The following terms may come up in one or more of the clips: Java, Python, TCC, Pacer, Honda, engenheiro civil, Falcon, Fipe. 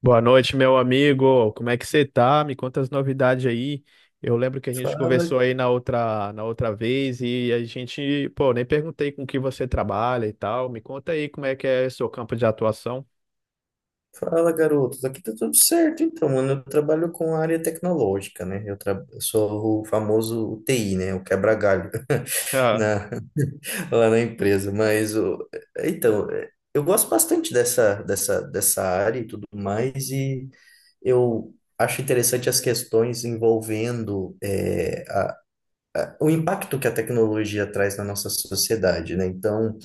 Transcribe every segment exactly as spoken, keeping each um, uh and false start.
Boa noite, meu amigo. Como é que você tá? Me conta as novidades aí. Eu lembro que a gente Fala, conversou aí na outra, na outra vez e a gente, pô, nem perguntei com que você trabalha e tal. Me conta aí como é que é seu campo de atuação. fala, garotos. Aqui tá tudo certo, então, mano. Eu trabalho com a área tecnológica, né? Eu, tra... eu sou o famoso T I, né? O quebra-galho Ah. na... lá na empresa. Mas, o... então, é, eu gosto bastante dessa, dessa, dessa área e tudo mais, e eu acho interessante as questões envolvendo é, a- a- o impacto que a tecnologia traz na nossa sociedade, né? Então,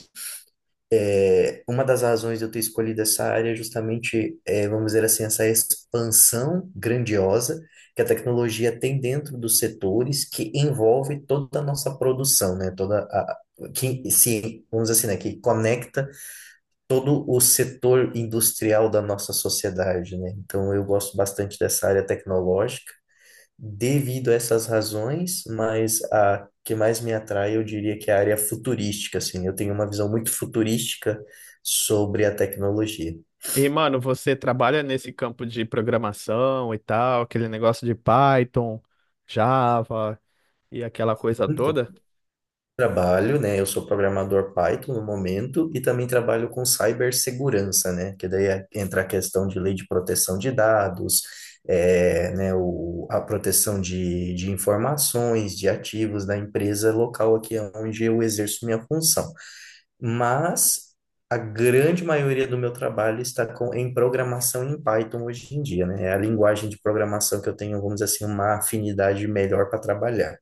É, uma das razões de eu ter escolhido essa área é justamente, é, vamos dizer assim, essa expansão grandiosa que a tecnologia tem dentro dos setores que envolve toda a nossa produção, né? Toda a, que se, vamos dizer assim, né? Que conecta todo o setor industrial da nossa sociedade, né? Então, eu gosto bastante dessa área tecnológica devido a essas razões, mas a que mais me atrai, eu diria que é a área futurística, assim. Eu tenho uma visão muito futurística sobre a tecnologia. E, mano, você trabalha nesse campo de programação e tal, aquele negócio de Python, Java e aquela coisa Então, toda? trabalho, né? Eu sou programador Python no momento e também trabalho com cibersegurança, né? Que daí é- entra a questão de lei de proteção de dados, é, né? O, a proteção de, de informações, de ativos da empresa local aqui onde eu exerço minha função, mas a grande maioria do meu trabalho está com, em programação em Python hoje em dia, né? É a linguagem de programação que eu tenho, vamos dizer assim, uma afinidade melhor para trabalhar.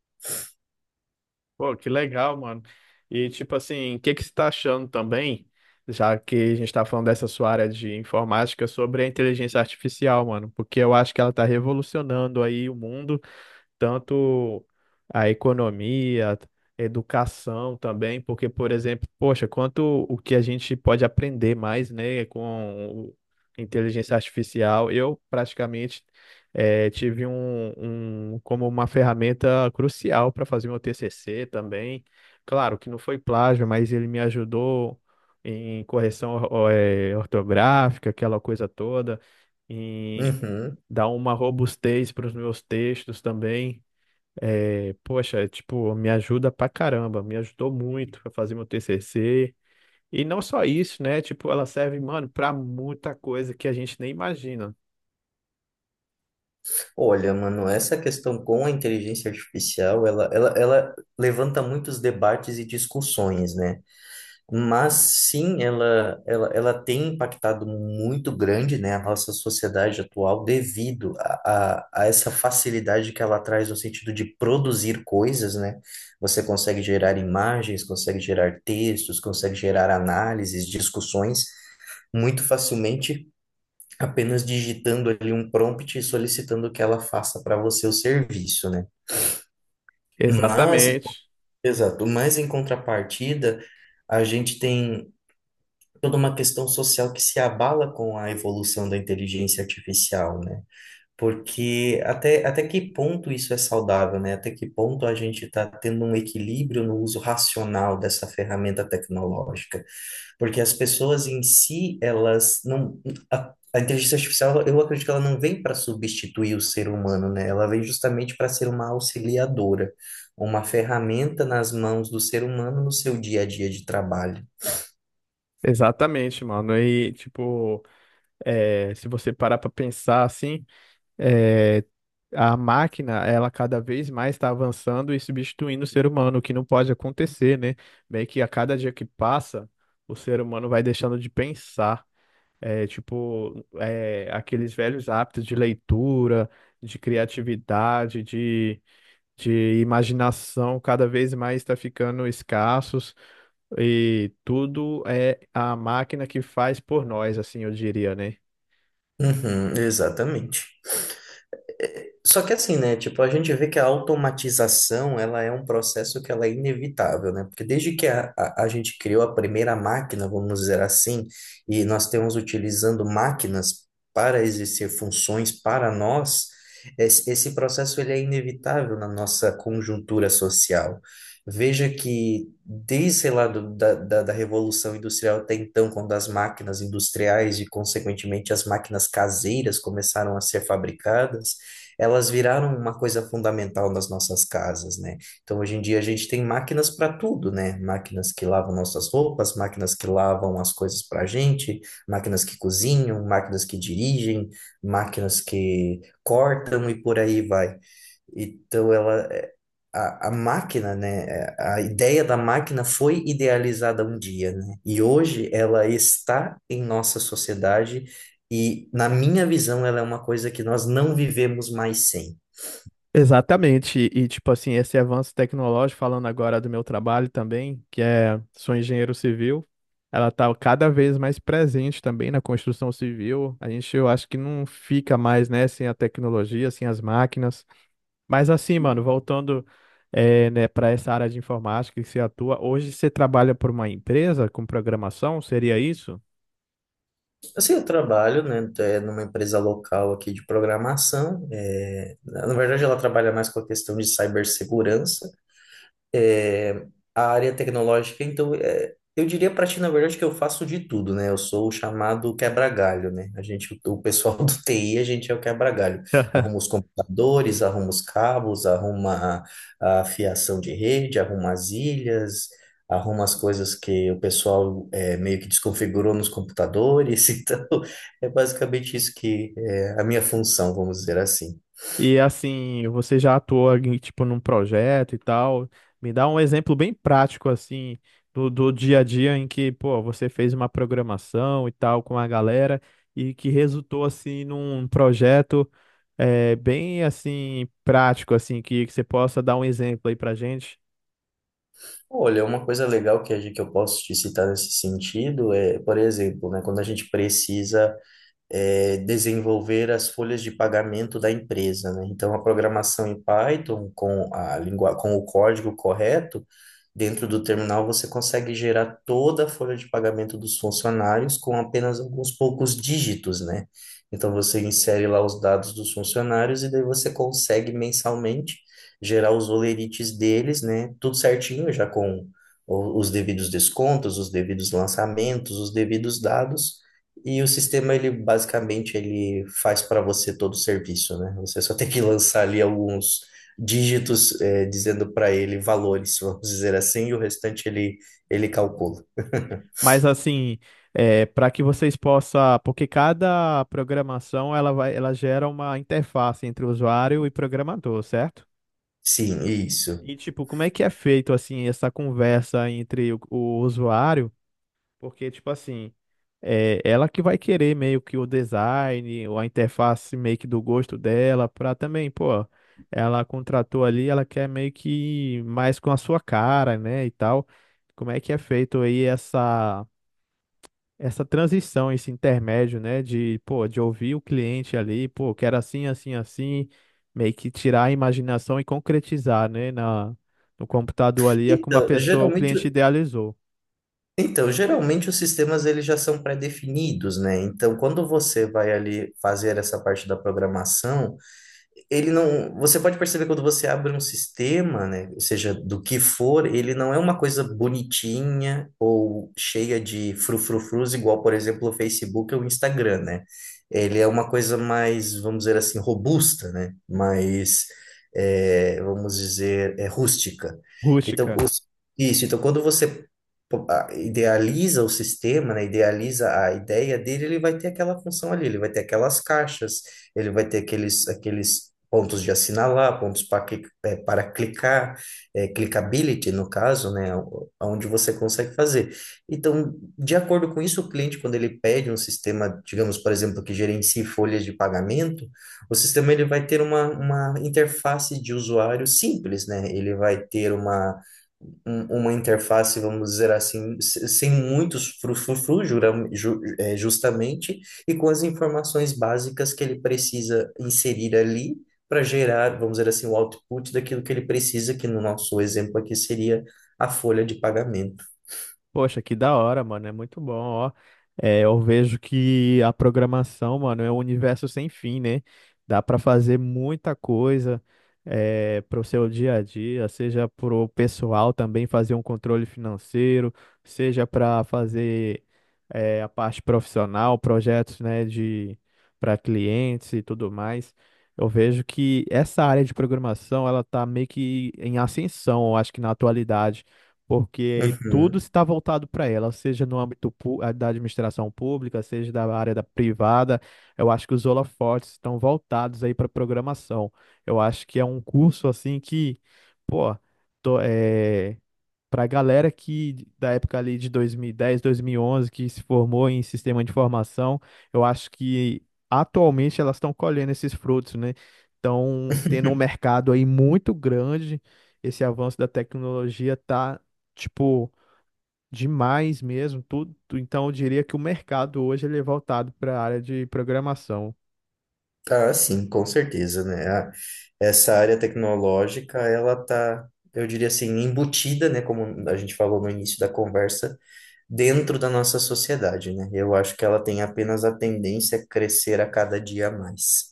Pô, que legal, mano. E tipo assim, o que que você está achando também, já que a gente está falando dessa sua área de informática, sobre a inteligência artificial, mano? Porque eu acho que ela está revolucionando aí o mundo, tanto a economia, a educação também, porque, por exemplo, poxa, quanto o que a gente pode aprender mais, né, com o- inteligência artificial. Eu praticamente eh, tive um, um como uma ferramenta crucial para fazer meu T C C também. Claro que não foi plágio, mas ele me ajudou em correção or- eh, ortográfica, aquela coisa toda, em Uhum. dar uma robustez para os meus textos também. E, poxa, é, tipo, me ajuda pra caramba, me ajudou muito pra fazer meu T C C. E não só isso, né? Tipo, ela serve, mano, pra muita coisa que a gente nem imagina. Olha, mano, essa questão com a inteligência artificial, ela, ela, ela levanta muitos debates e discussões, né? Mas sim, ela, ela, ela tem impactado muito grande, né, a nossa sociedade atual devido a, a, a essa facilidade que ela traz no sentido de produzir coisas, né? Você consegue gerar imagens, consegue gerar textos, consegue gerar análises, discussões muito facilmente, apenas digitando ali um prompt e solicitando que ela faça para você o serviço, né? Mas, Exatamente. exato, mas em contrapartida, a gente tem toda uma questão social que se abala com a evolução da inteligência artificial, né? Porque até, até que ponto isso é saudável, né? Até que ponto a gente está tendo um equilíbrio no uso racional dessa ferramenta tecnológica? Porque as pessoas em si, elas não. A, a inteligência artificial, eu acredito que ela não vem para substituir o ser humano, né? Ela vem justamente para ser uma auxiliadora, uma ferramenta nas mãos do ser humano no seu dia a dia de trabalho. Exatamente, mano. E, tipo, é, se você parar pra pensar assim, é, a máquina, ela cada vez mais está avançando e substituindo o ser humano, o que não pode acontecer, né? Meio que a cada dia que passa, o ser humano vai deixando de pensar. É, tipo, é, aqueles velhos hábitos de leitura, de criatividade, de, de imaginação, cada vez mais está ficando escassos, e tudo é a máquina que faz por nós, assim, eu diria, né? Uhum, exatamente. Só que assim, né? Tipo, a gente vê que a automatização, ela é um processo que ela é inevitável, né? Porque desde que a, a, a gente criou a primeira máquina, vamos dizer assim, e nós temos utilizando máquinas para exercer funções para nós, esse, esse processo ele é inevitável na nossa conjuntura social. Veja que desde, sei lá, do, da, da, da Revolução Industrial até então, quando as máquinas industriais e, consequentemente, as máquinas caseiras começaram a ser fabricadas, elas viraram uma coisa fundamental nas nossas casas, né? Então, hoje em dia, a gente tem máquinas para tudo, né? Máquinas que lavam nossas roupas, máquinas que lavam as coisas para a gente, máquinas que cozinham, máquinas que dirigem, máquinas que cortam e por aí vai. Então, ela, é, a, a máquina, né? é, A ideia da máquina foi idealizada um dia, né? E hoje ela está em nossa sociedade. E, na minha visão, ela é uma coisa que nós não vivemos mais sem. Exatamente, e tipo assim, esse avanço tecnológico, falando agora do meu trabalho também, que é, sou engenheiro civil, ela está cada vez mais presente também na construção civil. A gente, eu acho que não fica mais, né, sem a tecnologia, sem as máquinas. Mas assim, mano, voltando, é, né, para essa área de informática que você atua, hoje você trabalha por uma empresa com programação, seria isso? Assim, eu trabalho, né, é, numa empresa local aqui de programação. é, na na verdade, ela trabalha mais com a questão de cibersegurança é, a área tecnológica, então, é, eu diria para ti, na verdade, que eu faço de tudo, né? Eu sou o chamado quebra-galho, né? A gente, o pessoal do T I, a gente é o quebra-galho. Arruma os computadores, arruma os cabos, arruma a, a fiação de rede, arruma as ilhas, arruma as coisas que o pessoal é, meio que desconfigurou nos computadores. Então, é basicamente isso que é a minha função, vamos dizer assim. E assim, você já atuou em, tipo, num projeto e tal? Me dá um exemplo bem prático assim do, do dia a dia em que, pô, você fez uma programação e tal com a galera e que resultou assim num projeto, é, bem assim prático assim que, que você possa dar um exemplo aí pra gente. Olha, uma coisa legal que, a gente- que eu posso te citar nesse sentido é, por exemplo, né, quando a gente precisa é, desenvolver as folhas de pagamento da empresa, né? Então, a programação em Python com a língua, com o código correto, dentro do terminal você consegue gerar toda a folha de pagamento dos funcionários com apenas alguns poucos dígitos, né? Então, você insere lá os dados dos funcionários e daí você consegue mensalmente gerar os olerites deles, né? Tudo certinho, já com o- os devidos descontos, os devidos lançamentos, os devidos dados e o sistema, ele basicamente ele faz para você todo o serviço, né? Você só tem que lançar ali alguns dígitos, eh, dizendo para ele valores, vamos dizer assim, e o restante ele, ele calcula. Mas assim, é, para que vocês possam, porque cada programação, ela vai, ela gera uma interface entre o usuário e programador, certo? Sim, isso. E, tipo, como é que é feito, assim, essa conversa entre o, o usuário? Porque, tipo assim, é ela que vai querer meio que o design ou a interface meio que do gosto dela, pra também, pô, ela contratou ali, ela quer meio que mais com a sua cara, né, e tal. Como é que é feito aí essa essa transição, esse intermédio, né, de, pô, de ouvir o cliente ali, pô, quero assim, assim, assim, meio que tirar a imaginação e concretizar, né, na, no computador ali, é como a Então, pessoa, o geralmente, cliente idealizou. então, geralmente os sistemas eles já são pré-definidos, né? Então, quando você vai ali fazer essa parte da programação, ele não, você pode perceber quando você abre um sistema, né, ou seja, do que for, ele não é uma coisa bonitinha ou cheia de frufrufrus, igual, por exemplo, o Facebook ou o Instagram, né? Ele é uma coisa mais, vamos dizer assim, robusta, né? Mais, é, vamos dizer, é rústica. Então, Rústica. os- isso. Então, quando você po- a- idealiza o sistema, né, idealiza a ideia dele, ele vai ter aquela função ali, ele vai ter aquelas caixas, ele vai ter aqueles, aqueles pontos de assinalar, pontos para, cli- é, para clicar, é, clickability no caso, né, o- onde você consegue fazer. Então, de acordo com isso, o cliente, quando ele pede um sistema, digamos, por exemplo, que gerencie folhas de pagamento, o sistema ele vai ter uma, uma interface de usuário simples, né? Ele vai ter uma um- uma interface, vamos dizer assim, se- sem muitos frufru, justamente e com as informações básicas que ele precisa inserir ali para gerar, vamos dizer assim, o output daquilo que ele precisa, que no nosso exemplo aqui seria a folha de pagamento. Poxa, que da hora, mano. É muito bom, ó. É, eu vejo que a programação, mano, é um universo sem fim, né? Dá pra fazer muita coisa, é, para o seu dia a dia, seja pro pessoal também fazer um controle financeiro, seja para fazer, é, a parte profissional, projetos, né, de, para clientes e tudo mais. Eu vejo que essa área de programação, ela tá meio que em ascensão, eu acho que na atualidade, porque tudo Uhum. está voltado para ela, seja no âmbito pu- ah, da administração pública, seja da área da privada. Eu acho que os holofotes estão voltados aí para programação. Eu acho que é um curso assim que, pô, para a galera que da época ali de dois mil e dez, onze, que se formou em sistema de informação, eu acho que atualmente elas estão colhendo esses frutos, né? Estão tendo um mercado aí muito grande. Esse avanço da tecnologia tá, tipo, demais mesmo, tudo. Então eu diria que o mercado hoje ele é voltado para a área de programação. Ah, sim, com certeza, né? A- essa área tecnológica, ela tá, eu diria assim, embutida, né, como a gente falou no início da conversa, dentro da nossa sociedade, né? Eu acho que ela tem apenas a tendência a crescer a cada dia a mais.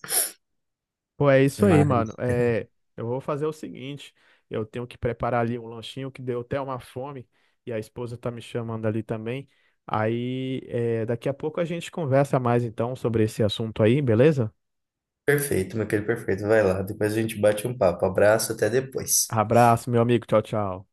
Pô, é isso aí, mano. Mas É, eu vou fazer o seguinte, eu tenho que preparar ali um lanchinho que deu até uma fome, e a esposa tá me chamando ali também. Aí, é, daqui a pouco a gente conversa mais então sobre esse assunto aí, beleza? perfeito, meu querido, perfeito. Vai lá, depois a gente bate um papo. Abraço, até depois. Abraço, meu amigo. Tchau, tchau.